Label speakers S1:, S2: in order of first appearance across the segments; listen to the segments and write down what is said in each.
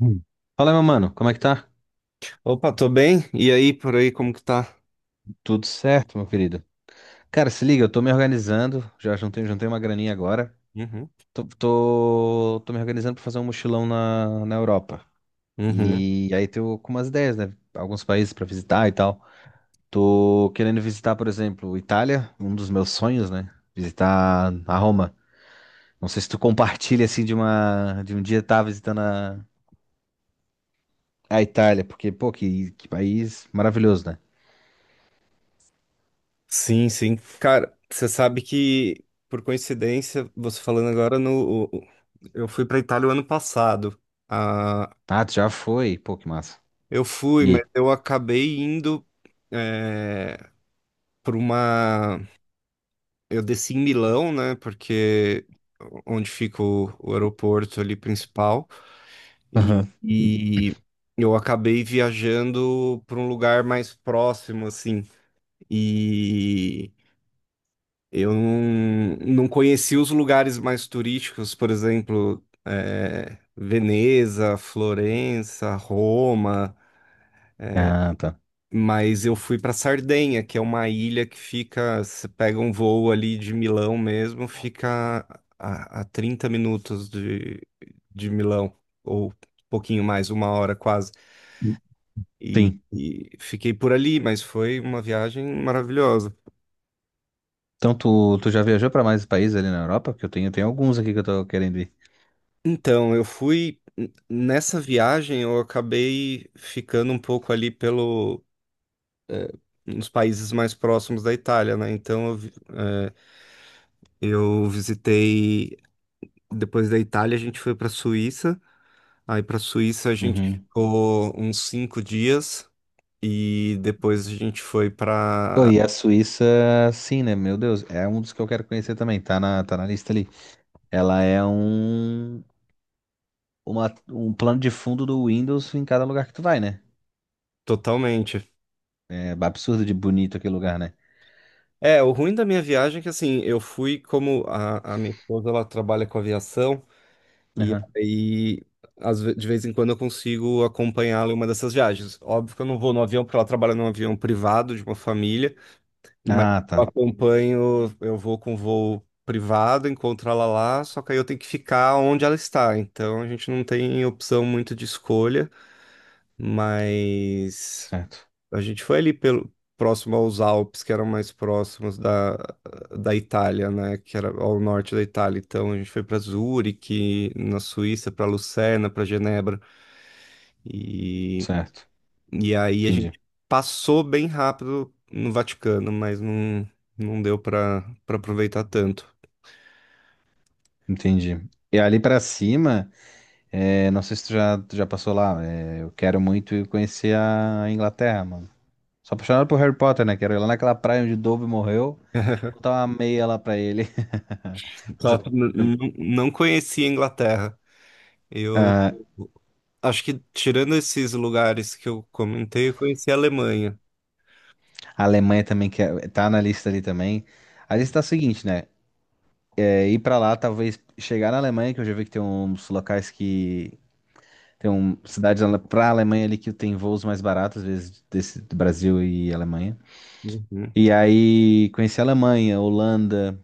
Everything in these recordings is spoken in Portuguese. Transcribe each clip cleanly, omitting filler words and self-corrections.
S1: Hum. Fala, meu mano, como é que tá?
S2: Opa, tô bem? E aí, por aí, como que tá?
S1: Tudo certo, meu querido? Cara, se liga, eu tô me organizando, já juntei uma graninha agora.
S2: Uhum.
S1: Tô me organizando pra fazer um mochilão na Europa.
S2: Uhum.
S1: E aí tô com umas ideias, né? Alguns países pra visitar e tal. Tô querendo visitar, por exemplo, Itália, um dos meus sonhos, né? Visitar a Roma. Não sei se tu compartilha, assim, de um dia estar visitando a Itália, porque, pô, que país maravilhoso, né?
S2: Sim, sim. Cara, você sabe que, por coincidência, você falando agora no. O- eu fui pra Itália o ano passado. Ah,
S1: Ah, tu já foi? Pô, que massa.
S2: eu fui, mas
S1: E
S2: eu acabei indo é, pra uma. Eu desci em Milão, né? Porque onde fica o aeroporto ali principal. E,
S1: aí?
S2: e eu acabei viajando pra um lugar mais próximo, assim. E eu não conheci os lugares mais turísticos, por exemplo, Veneza, Florença, Roma,
S1: Ah, tá.
S2: mas eu fui para Sardenha, que é uma ilha que fica, você pega um voo ali de Milão mesmo, fica a 30 minutos de Milão, ou um pouquinho mais, uma hora quase. E,
S1: Sim.
S2: e fiquei por ali, mas foi uma viagem maravilhosa.
S1: Então tu já viajou pra mais países ali na Europa? Porque eu tenho, tem alguns aqui que eu tô querendo ir.
S2: Então, eu fui nessa viagem, eu acabei ficando um pouco ali pelo eh, nos países mais próximos da Itália, né? Então, eu visitei depois da Itália, a gente foi para Suíça. Aí para Suíça a gente
S1: Uhum.
S2: ficou uns 5 dias e depois a gente foi
S1: Pô,
S2: para
S1: e a Suíça, sim, né? Meu Deus, é um dos que eu quero conhecer também. Tá na lista ali. Ela é um plano de fundo do Windows em cada lugar que tu vai, né?
S2: totalmente.
S1: É absurdo de bonito aquele lugar, né?
S2: É, o ruim da minha viagem é que assim, eu fui como a minha esposa ela trabalha com aviação. E
S1: Aham.
S2: aí, de vez em quando eu consigo acompanhá-la em uma dessas viagens. Óbvio que eu não vou no avião, porque ela trabalha num avião privado de uma família, mas
S1: Ah,
S2: eu
S1: tá.
S2: acompanho, eu vou com voo privado, encontro ela lá, só que aí eu tenho que ficar onde ela está. Então a gente não tem opção muito de escolha, mas.
S1: Certo.
S2: A gente foi ali pelo, próximo aos Alpes, que eram mais próximos da Itália, né? Que era ao norte da Itália. Então a gente foi para Zurique, na Suíça, para Lucerna, para Genebra. E,
S1: Certo.
S2: e aí a
S1: Entendi.
S2: gente passou bem rápido no Vaticano, mas não deu para aproveitar tanto.
S1: Entendi. E ali pra cima, é, não sei se tu já passou lá. É, eu quero muito ir conhecer a Inglaterra, mano. Sou apaixonado por Harry Potter, né? Quero ir lá naquela praia onde Dobby morreu, botar uma meia lá pra ele. Mas
S2: Só que não conhecia a Inglaterra. Eu acho que tirando esses lugares que eu comentei, eu conheci a Alemanha.
S1: a Alemanha também quer, tá na lista ali também. A lista tá a seguinte, né? É, ir pra lá, talvez chegar na Alemanha, que eu já vi que tem uns locais que. Tem um, cidades pra Alemanha ali que tem voos mais baratos, às vezes, desse, do Brasil e Alemanha.
S2: Uhum.
S1: E aí conhecer a Alemanha, Holanda,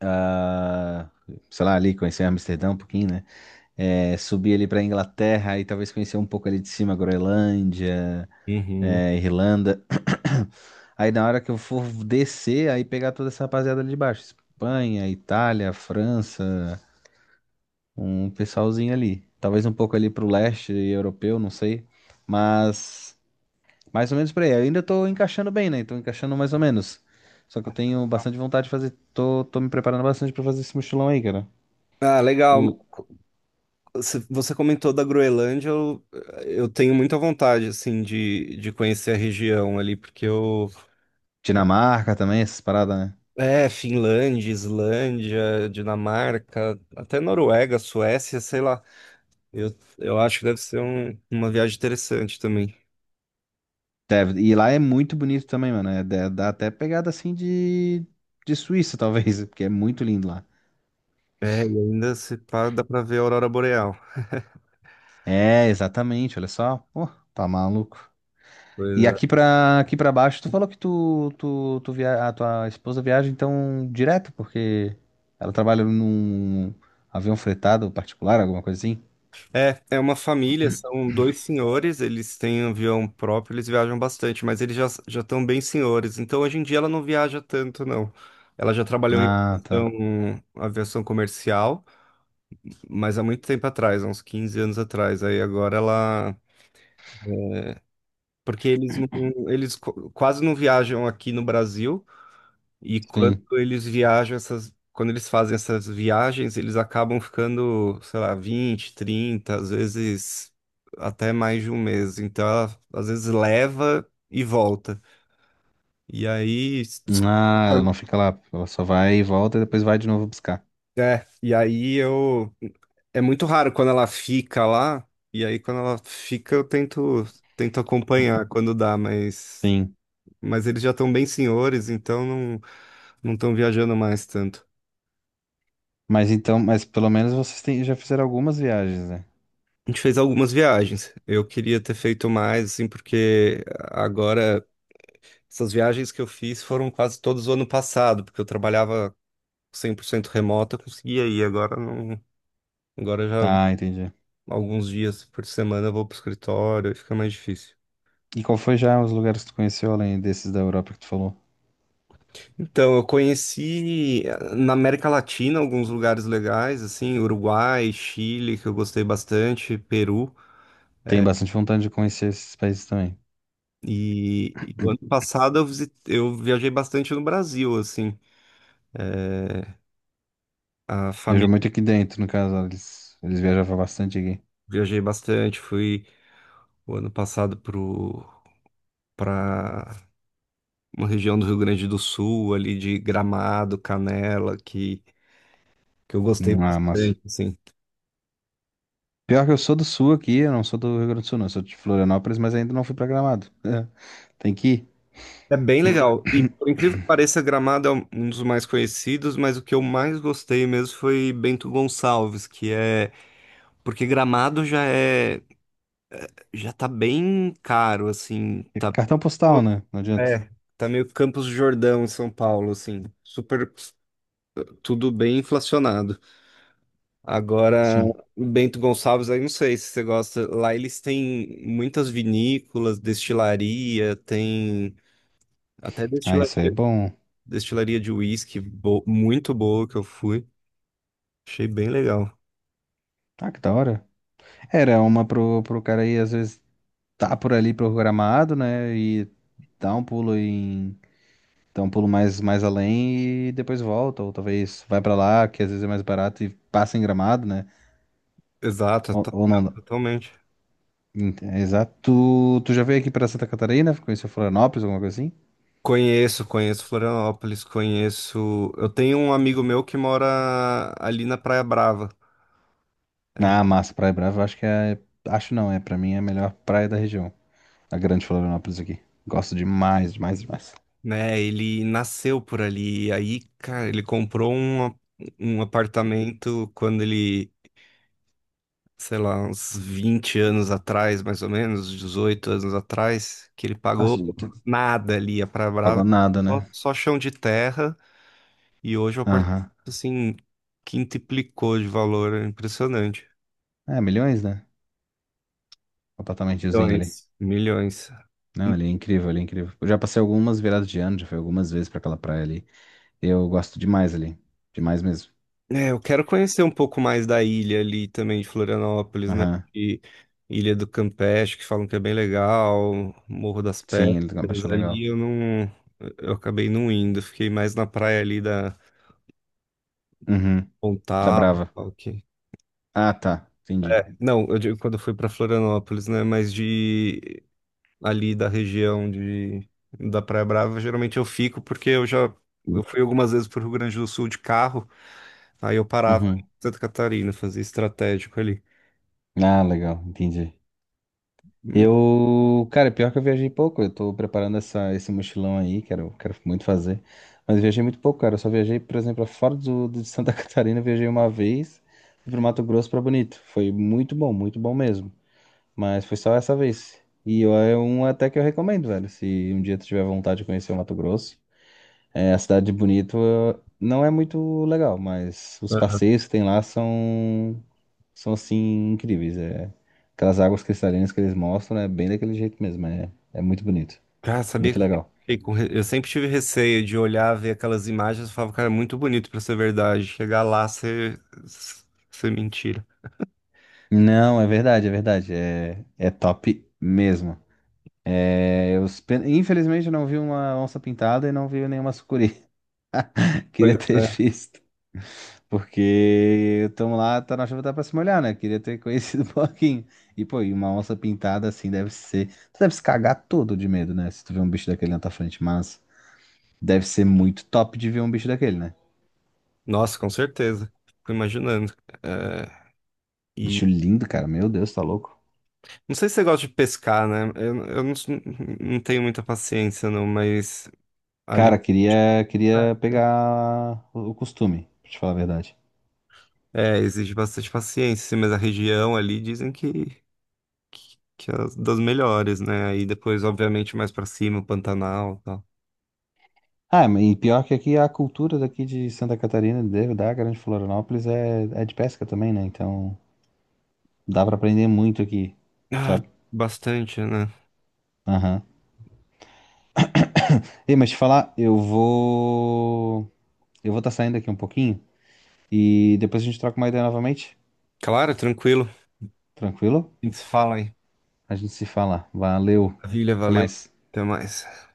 S1: ah, sei lá, ali, conhecer Amsterdã um pouquinho, né? É, subir ali para Inglaterra e talvez conhecer um pouco ali de cima, Groenlândia,
S2: Uhum.
S1: é, Irlanda. Aí na hora que eu for descer, aí pegar toda essa rapaziada ali de baixo, Espanha, Itália, França, um pessoalzinho ali. Talvez um pouco ali pro leste europeu, não sei, mas mais ou menos por aí. Eu ainda tô encaixando bem, né? Tô encaixando mais ou menos. Só que eu tenho bastante vontade de fazer, tô me preparando bastante pra fazer esse mochilão aí, cara.
S2: Ah, legal.
S1: O
S2: Você comentou da Groenlândia, eu tenho muita vontade, assim, de conhecer a região ali, porque eu...
S1: Dinamarca também, essas paradas, né?
S2: É, Finlândia, Islândia, Dinamarca, até Noruega, Suécia, sei lá. Eu acho que deve ser uma viagem interessante também.
S1: Deve. E lá é muito bonito também, mano. É, dá até pegada assim de Suíça, talvez, porque é muito lindo lá.
S2: É, e ainda se pá, dá pra ver a aurora boreal.
S1: É, exatamente, olha só. Pô, tá maluco.
S2: Pois
S1: E
S2: é.
S1: aqui pra baixo, tu falou que tu via, a tua esposa viaja então direto, porque ela trabalha num avião fretado particular, alguma coisa assim?
S2: É, uma família, são dois senhores, eles têm avião próprio, eles viajam bastante, mas eles já estão bem senhores. Então hoje em dia ela não viaja tanto, não. Ela já trabalhou em
S1: Ah, tá.
S2: aviação, aviação comercial, mas há muito tempo atrás, há uns 15 anos atrás. Aí agora ela, porque eles não, quase não viajam aqui no Brasil. E quando
S1: Sim.
S2: quando eles fazem essas viagens, eles acabam ficando, sei lá, 20, 30, às vezes até mais de um mês. Então, ela, às vezes leva e volta. E aí,
S1: Ah, ela não fica lá. Ela só vai e volta e depois vai de novo buscar.
S2: é, e aí eu é muito raro quando ela fica lá, e aí quando ela fica eu tento acompanhar quando dá, mas
S1: Sim.
S2: mas eles já estão bem senhores, então não estão viajando mais tanto.
S1: Mas então, mas pelo menos vocês têm, já fizeram algumas viagens, né?
S2: A gente fez algumas viagens. Eu queria ter feito mais, assim, porque agora essas viagens que eu fiz foram quase todas o ano passado, porque eu trabalhava 100% remoto, eu conseguia ir. Agora não, agora já
S1: Tá, entendi.
S2: alguns dias por semana eu vou pro escritório e fica mais difícil.
S1: E qual foi já os lugares que tu conheceu além desses da Europa que tu falou?
S2: Então, eu conheci na América Latina alguns lugares legais, assim, Uruguai, Chile, que eu gostei bastante, Peru.
S1: Tem bastante vontade de conhecer esses países também.
S2: E o ano passado eu viajei bastante no Brasil, assim. eh, A
S1: Viajou
S2: família,
S1: muito aqui dentro, no caso, eles viajavam bastante aqui.
S2: viajei bastante, fui o ano passado pro para uma região do Rio Grande do Sul, ali de Gramado, Canela, que eu gostei
S1: Ah, mas
S2: bastante, assim.
S1: pior que eu sou do sul aqui, eu não sou do Rio Grande do Sul, não. Eu sou de Florianópolis, mas ainda não fui pra Gramado. Tem que ir.
S2: É bem legal. E por incrível que pareça, Gramado é um dos mais conhecidos, mas o que eu mais gostei mesmo foi Bento Gonçalves, que é porque Gramado já tá bem caro, assim,
S1: É cartão postal, né? Não adianta.
S2: é, tá meio Campos do Jordão em São Paulo, assim, super tudo bem inflacionado. Agora,
S1: Sim.
S2: Bento Gonçalves, aí não sei se você gosta. Lá eles têm muitas vinícolas, destilaria, tem até
S1: Ah, isso aí é
S2: destilaria,
S1: bom.
S2: destilaria de uísque muito boa que eu fui. Achei bem legal.
S1: Ah, que da hora. Era uma pro cara aí, às vezes, tá por ali pro Gramado, né? E dá um pulo. Então, pulo mais, mais além e depois volta, ou talvez vai pra lá, que às vezes é mais barato e passa em Gramado, né?
S2: Exato,
S1: Ou
S2: não,
S1: não.
S2: totalmente.
S1: Exato. Tu já veio aqui pra Santa Catarina? Conheceu Florianópolis, alguma coisa assim?
S2: Conheço, conheço Florianópolis, conheço. Eu tenho um amigo meu que mora ali na Praia Brava, é,
S1: Ah, massa, Praia Brava, eu acho que é. Acho não, é, pra mim é a melhor praia da região. A grande Florianópolis aqui. Gosto demais, demais, demais.
S2: né? Ele nasceu por ali. E aí, cara, ele comprou um apartamento quando ele sei lá, uns 20 anos atrás, mais ou menos, 18 anos atrás, que ele pagou
S1: Nossa,
S2: nada ali, a Praia Brava,
S1: pagou nada, né?
S2: só chão de terra, e hoje é o apartamento,
S1: Aham.
S2: assim, quintuplicou de valor, é impressionante.
S1: É, milhões, né? O apartamentozinho ali.
S2: Milhões. Milhões.
S1: Não, ele é incrível, ele é incrível. Eu já passei algumas viradas de ano, já fui algumas vezes pra aquela praia ali. Eu gosto demais ali. Demais mesmo.
S2: É, eu quero conhecer um pouco mais da ilha ali também de Florianópolis, né?
S1: Aham.
S2: E Ilha do Campeche, que falam que é bem legal, Morro das
S1: Sim, ele tem uma
S2: Pedras,
S1: paixão legal.
S2: ali eu não, eu acabei não indo, fiquei mais na praia ali da
S1: Uhum. Da
S2: Pontal,
S1: Brava.
S2: ok.
S1: Ah, tá. Entendi.
S2: Não, eu digo quando eu fui para Florianópolis, né? Mas de ali da região de da Praia Brava, geralmente eu fico porque eu já eu fui algumas vezes para o Rio Grande do Sul de carro, aí eu parava em
S1: Uhum.
S2: Santa Catarina, fazia estratégico ali.
S1: Ah, legal. Entendi.
S2: Hum,
S1: Eu, cara, pior que eu viajei pouco. Eu tô preparando essa, esse mochilão aí, quero, quero muito fazer. Mas eu viajei muito pouco, cara. Eu só viajei, por exemplo, fora de Santa Catarina, eu viajei uma vez. Fui pro Mato Grosso pra Bonito. Foi muito bom mesmo. Mas foi só essa vez. E é um até que eu recomendo, velho. Se um dia tu tiver vontade de conhecer o Mato Grosso. É, a cidade de Bonito não é muito legal, mas
S2: é.
S1: os passeios que tem lá são, são assim, incríveis. É, aquelas águas cristalinas que eles mostram é bem daquele jeito mesmo. É, é muito bonito,
S2: Cara, sabia
S1: muito
S2: que eu sempre,
S1: legal.
S2: fiquei com re- eu sempre tive receio de olhar, ver aquelas imagens e falava, cara, é muito bonito para ser verdade. Chegar lá, ser mentira.
S1: Não, é verdade, é verdade. É, é top mesmo. É, eu, infelizmente eu não vi uma onça pintada e não vi nenhuma sucuri. Queria
S2: Pois
S1: ter
S2: é.
S1: visto. Porque estamos lá, tá na chuva, tá pra se molhar, né? Queria ter conhecido um pouquinho. E, pô, e uma onça pintada assim deve ser. Tu deve se cagar todo de medo, né? Se tu vê um bicho daquele na tua frente, mas deve ser muito top de ver um bicho daquele, né?
S2: Nossa, com certeza. Fico imaginando. É,
S1: Bicho lindo, cara. Meu Deus, tá louco.
S2: não sei se você gosta de pescar, né? Eu não tenho muita paciência, não, mas ali
S1: Cara, queria, queria pegar o costume, pra te falar a verdade.
S2: É. Exige bastante paciência, assim, mas a região ali dizem que é das melhores, né? Aí depois, obviamente, mais pra cima, o Pantanal e tal.
S1: Ah, e pior que aqui a cultura daqui de Santa Catarina, da Grande Florianópolis, é, é de pesca também, né? Então dá pra aprender muito aqui,
S2: Ah,
S1: sabe?
S2: bastante, né?
S1: Aham. Ei, mas te falar, eu vou. Eu vou estar saindo aqui um pouquinho e depois a gente troca uma ideia novamente.
S2: Claro, tranquilo.
S1: Tranquilo?
S2: A gente se fala aí.
S1: A gente se fala. Valeu.
S2: Maravilha,
S1: Até
S2: valeu.
S1: mais.
S2: Até mais.